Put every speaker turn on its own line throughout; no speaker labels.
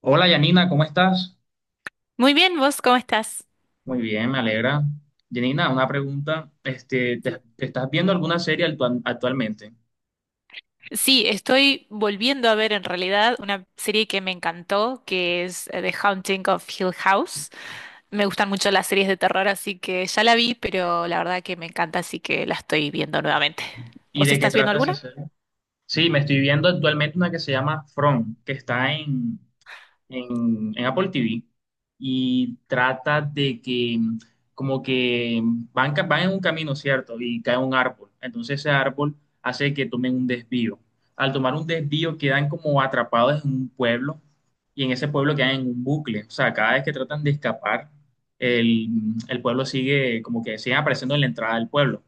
Hola, Yanina, ¿cómo estás?
Muy bien, ¿vos cómo estás?
Muy bien, me alegra. Yanina, una pregunta. ¿Te estás viendo alguna serie actualmente?
Sí, estoy volviendo a ver en realidad una serie que me encantó, que es The Haunting of Hill House. Me gustan mucho las series de terror, así que ya la vi, pero la verdad que me encanta, así que la estoy viendo nuevamente.
¿Y
¿Vos
de qué
estás viendo
trata esa
alguna?
serie? Sí, me estoy viendo actualmente una que se llama From, que está en Apple TV y trata de que como que van en un camino, ¿cierto? Y cae un árbol. Entonces ese árbol hace que tomen un desvío. Al tomar un desvío quedan como atrapados en un pueblo y en ese pueblo quedan en un bucle. O sea, cada vez que tratan de escapar, el pueblo sigue como que siguen apareciendo en la entrada del pueblo.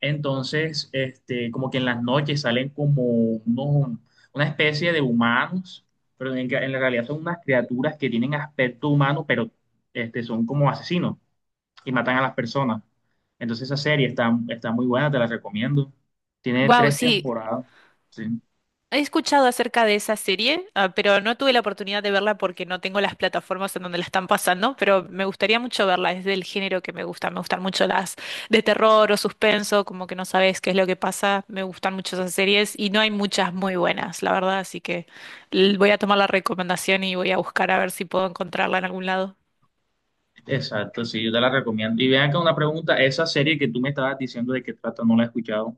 Entonces, como que en las noches salen como unos, una especie de humanos, pero en la realidad son unas criaturas que tienen aspecto humano, pero son como asesinos y matan a las personas. Entonces esa serie está muy buena, te la recomiendo. Tiene
Wow,
tres
sí.
temporadas. Sí,
He escuchado acerca de esa serie, ah, pero no tuve la oportunidad de verla porque no tengo las plataformas en donde la están pasando, pero me gustaría mucho verla, es del género que me gusta, me gustan mucho las de terror o suspenso, como que no sabes qué es lo que pasa, me gustan mucho esas series y no hay muchas muy buenas, la verdad, así que voy a tomar la recomendación y voy a buscar a ver si puedo encontrarla en algún lado.
exacto, sí, yo te la recomiendo. Y vean acá una pregunta, esa serie que tú me estabas diciendo de qué trata, no la he escuchado.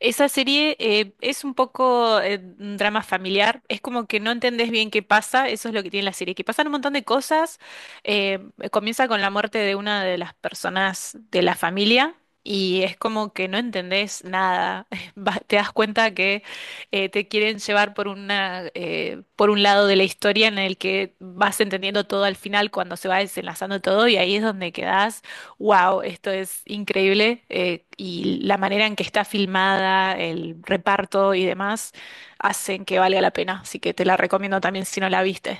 Esa serie es un poco un drama familiar, es como que no entendés bien qué pasa, eso es lo que tiene la serie, que pasan un montón de cosas, eh, comienza con la muerte de una de las personas de la familia y es como que no entendés nada. Te das cuenta que te quieren llevar por una, por un lado de la historia en el que vas entendiendo todo al final cuando se va desenlazando todo y ahí es donde quedás: wow, esto es increíble, y la manera en que está filmada, el reparto y demás hacen que valga la pena, así que te la recomiendo también si no la viste.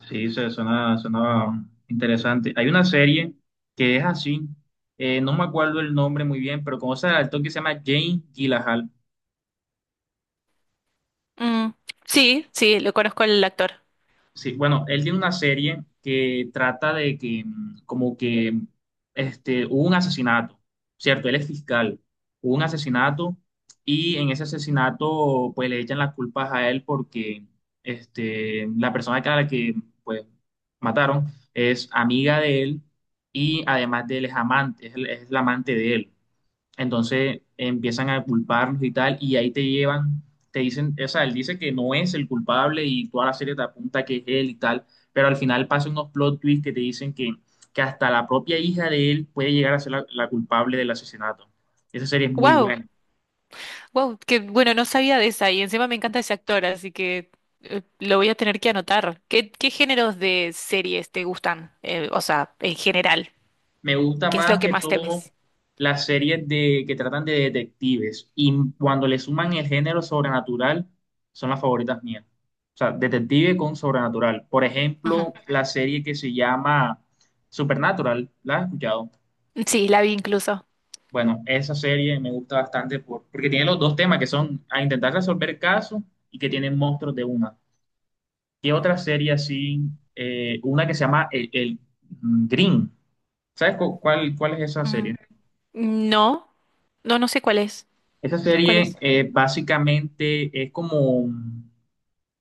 Sí, se suena, suena interesante. Hay una serie que es así, no me acuerdo el nombre muy bien, pero conoces al actor que se llama Jane Gyllenhaal.
Mm, sí, sí, lo conozco al actor.
Sí, bueno, él tiene una serie que trata de que como que hubo un asesinato, ¿cierto? Él es fiscal, hubo un asesinato y en ese asesinato pues le echan las culpas a él porque la persona a la que pues mataron es amiga de él y además de él es amante, es la amante de él. Entonces empiezan a culparnos y tal, y ahí te llevan, te dicen, o sea, él dice que no es el culpable y toda la serie te apunta que es él y tal, pero al final pasan unos plot twists que te dicen que hasta la propia hija de él puede llegar a ser la culpable del asesinato. Esa serie es muy
Wow,
buena.
wow, que bueno, no sabía de esa y encima me encanta ese actor, así que lo voy a tener que anotar. ¿Qué géneros de series te gustan? O sea, en general,
Me gusta
¿qué es lo
más
que
que
más te
todo
ves?
las series que tratan de detectives, y cuando le suman
Mm,
el género sobrenatural son las favoritas mías. O sea, detective con sobrenatural. Por
ujú.
ejemplo, la serie que se llama Supernatural, ¿la has escuchado?
Sí, la vi incluso.
Bueno, esa serie me gusta bastante porque tiene los dos temas, que son a intentar resolver casos y que tienen monstruos de una. ¿Qué otra serie así? Una que se llama el Green. ¿Sabes cuál, cuál es esa serie?
Mm, no, no, no sé cuál es.
Esa
¿Cuál
serie
es?
básicamente es como,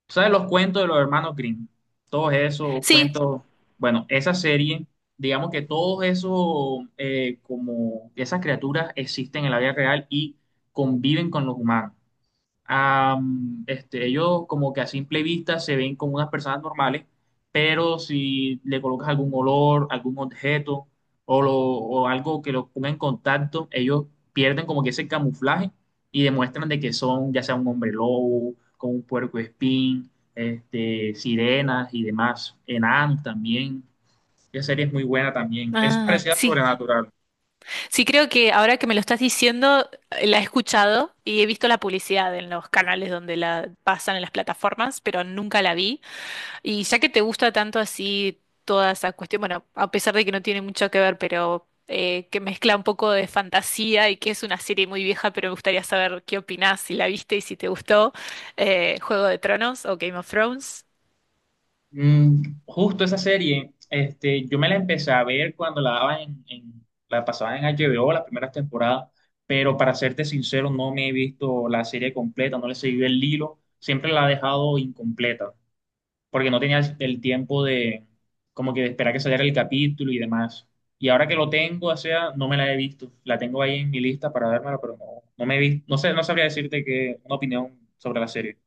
¿sabes los cuentos de los hermanos Grimm? Todos esos
Sí,
cuentos, bueno, esa serie, digamos que todos esos, como esas criaturas existen en la vida real y conviven con los humanos, ellos como que a simple vista se ven como unas personas normales, pero si le colocas algún olor, algún objeto o algo que los ponga en contacto, ellos pierden como que ese camuflaje y demuestran de que son ya sea un hombre lobo, como un puercoespín, sirenas y demás, enanos también. Esa serie es muy buena también. Es
ah,
parecida a
sí.
Sobrenatural.
Sí, creo que ahora que me lo estás diciendo, la he escuchado y he visto la publicidad en los canales donde la pasan en las plataformas, pero nunca la vi. Y ya que te gusta tanto así toda esa cuestión, bueno, a pesar de que no tiene mucho que ver, pero que mezcla un poco de fantasía y que es una serie muy vieja, pero me gustaría saber qué opinás, si la viste y si te gustó, Juego de Tronos o Game of Thrones.
Justo esa serie, yo me la empecé a ver cuando la daban la pasaban en HBO, las primeras temporadas, pero para serte sincero, no me he visto la serie completa, no le he seguido el hilo, siempre la he dejado incompleta, porque no tenía el tiempo de como que de esperar que saliera el capítulo y demás. Y ahora que lo tengo, o sea, no me la he visto, la tengo ahí en mi lista para vérmela, pero no, no me he visto, no sé, no sabría decirte que una opinión sobre la serie.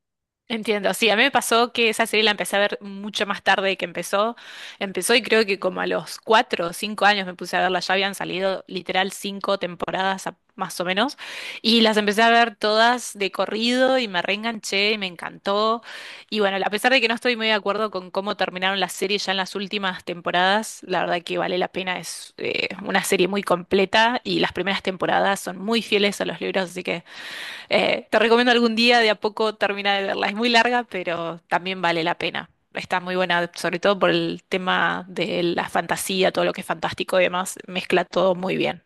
Entiendo, sí, a mí me pasó que esa serie la empecé a ver mucho más tarde que empezó. Empezó y creo que como a los 4 o 5 años me puse a verla, ya habían salido literal cinco temporadas más o menos, y las empecé a ver todas de corrido y me reenganché y me encantó. Y bueno, a pesar de que no estoy muy de acuerdo con cómo terminaron las series ya en las últimas temporadas, la verdad que vale la pena, es una serie muy completa y las primeras temporadas son muy fieles a los libros, así que… Te recomiendo algún día de a poco terminar de verla. Es muy larga, pero también vale la pena. Está muy buena, sobre todo por el tema de la fantasía, todo lo que es fantástico y demás, mezcla todo muy bien.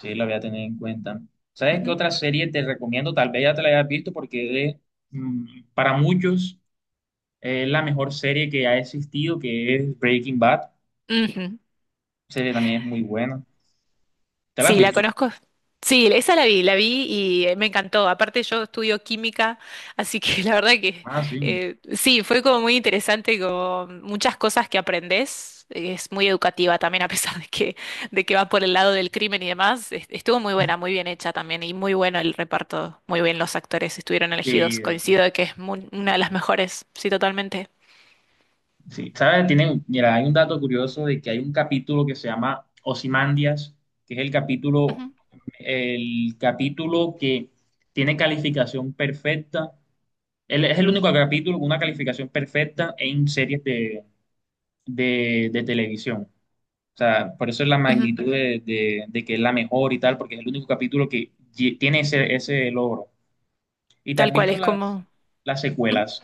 Sí, la voy a tener en cuenta. ¿Sabes qué
Ujú.
otra serie te recomiendo? Tal vez ya te la hayas visto porque mm, para muchos es la mejor serie que ha existido, que es Breaking Bad. La
Ujú.
serie también es muy buena. ¿Te la has
Sí, la
visto?
conozco. Sí, esa la vi y me encantó. Aparte yo estudio química, así que la verdad que
Ah, sí.
sí, fue como muy interesante, como muchas cosas que aprendes. Es muy educativa también, a pesar de que va por el lado del crimen y demás. Estuvo muy buena, muy bien hecha también y muy bueno el reparto. Muy bien los actores estuvieron elegidos.
Sí,
Coincido de que es una de las mejores, sí, totalmente.
sí. ¿Sabes? Tienen, mira, hay un dato curioso de que hay un capítulo que se llama Ozymandias, que es
Ujú,
el capítulo que tiene calificación perfecta. Él es el único capítulo con una calificación perfecta en series de televisión. O sea, por eso es la
ujú.
magnitud de que es la mejor y tal, porque es el único capítulo que tiene ese logro. ¿Y te
Tal
has
cual,
visto
es como…
las
ujú.
secuelas?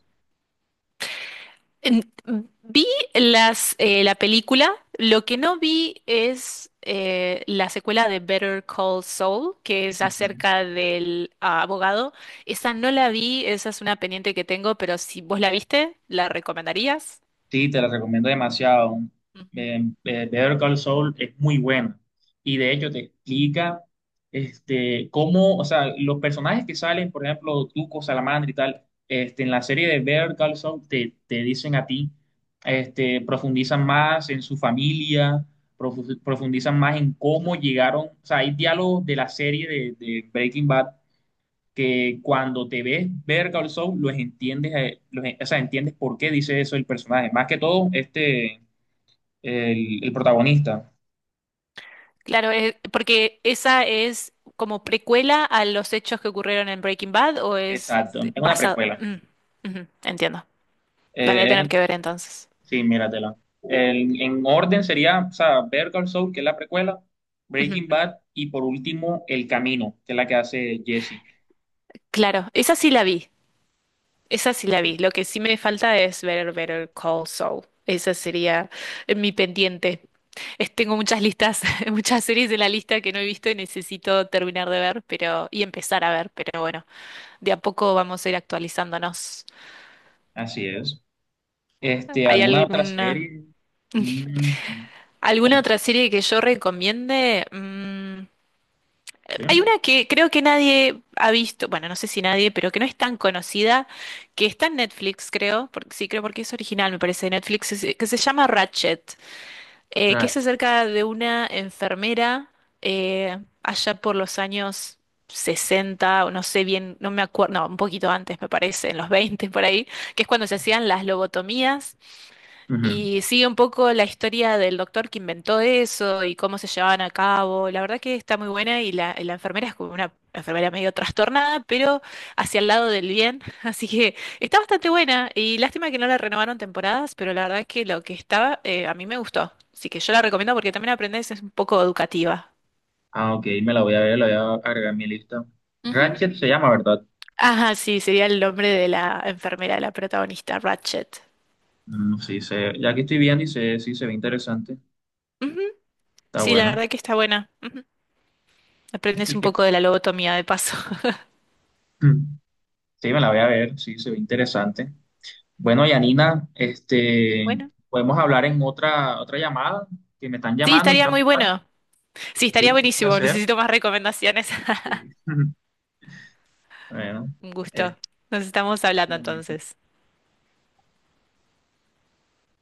En- Vi las, la película, lo que no vi es la secuela de Better Call Saul, que es
Ujú.
acerca del abogado. Esa no la vi, esa es una pendiente que tengo, pero si vos la viste, ¿la recomendarías?
Sí, te la recomiendo demasiado.
Mm.
Better Call Saul es muy buena. Y de hecho te explica cómo, o sea, los personajes que salen, por ejemplo, Tuco, Salamandra y tal, este, en la serie de Better Call Saul te dicen a ti, este, profundizan más en su familia, profundizan más en cómo llegaron, o sea, hay diálogos de la serie de Breaking Bad que cuando te ves ver Call Saul, los entiendes, o sea, entiendes por qué dice eso el personaje. Más que todo, el protagonista.
Claro, porque esa es como precuela a los hechos que ocurrieron en Breaking Bad o es
Exacto, es una
basado…
precuela.
Mm, ujú, entiendo. La voy a
Eh,
tener
es-
que ver entonces.
sí, míratela. En orden sería, o sea, Better Call Saul, que es la precuela,
Ujú,
Breaking Bad, y por último, El Camino, que es la que hace Jesse.
claro, esa sí la vi. Esa sí la
Sí,
vi. Lo que sí me falta es ver Better Call Saul. Esa sería mi pendiente. Tengo muchas listas, muchas series de la lista que no he visto y necesito terminar de ver, pero y empezar a ver, pero bueno, de a poco vamos a ir actualizándonos.
así es. Este,
¿Hay
¿alguna otra
alguna
serie? Mm,
alguna
¿cuál?
otra serie que yo recomiende? Mm,
¿Sí?
hay una que creo que nadie ha visto, bueno, no sé si nadie, pero que no es tan conocida, que está en Netflix, creo, porque sí, creo porque es original, me parece, de Netflix, que se llama Ratchet. Que
Real.
es acerca de una enfermera allá por los años 60 o no sé bien, no me acuerdo, no, un poquito antes me parece, en los 20 por ahí, que es cuando se hacían las lobotomías
Ujú.
y sigue un poco la historia del doctor que inventó eso y cómo se llevaban a cabo. La verdad que está muy buena y la enfermera es como una enfermera medio trastornada, pero hacia el lado del bien. Así que está bastante buena y lástima que no la renovaron temporadas, pero la verdad que lo que estaba a mí me gustó. Así que yo la recomiendo porque también aprendes, es un poco educativa.
Ah, ok, me la voy a ver, la voy a agregar a mi lista.
Ujú.
Ratchet se llama, ¿verdad?
Ajá, sí, sería el nombre de la enfermera, la protagonista, Ratchet.
Mm, sí, ya que estoy viendo y sí, se ve interesante.
Ujú,
Está
sí, la
bueno.
verdad que está buena. Ujú. Aprendes
¿Y
un
qué?
poco de la lobotomía de paso.
Mm, sí, me la voy a ver, sí, se ve interesante. Bueno, Yanina,
Bueno.
podemos hablar en otra llamada, que me están
Sí,
llamando, me voy
estaría
a
muy
ocupar.
bueno. Sí,
Sí,
estaría
un
buenísimo.
placer.
Necesito más recomendaciones.
Sí. Bueno,
Un gusto. Nos estamos hablando
eh,
entonces.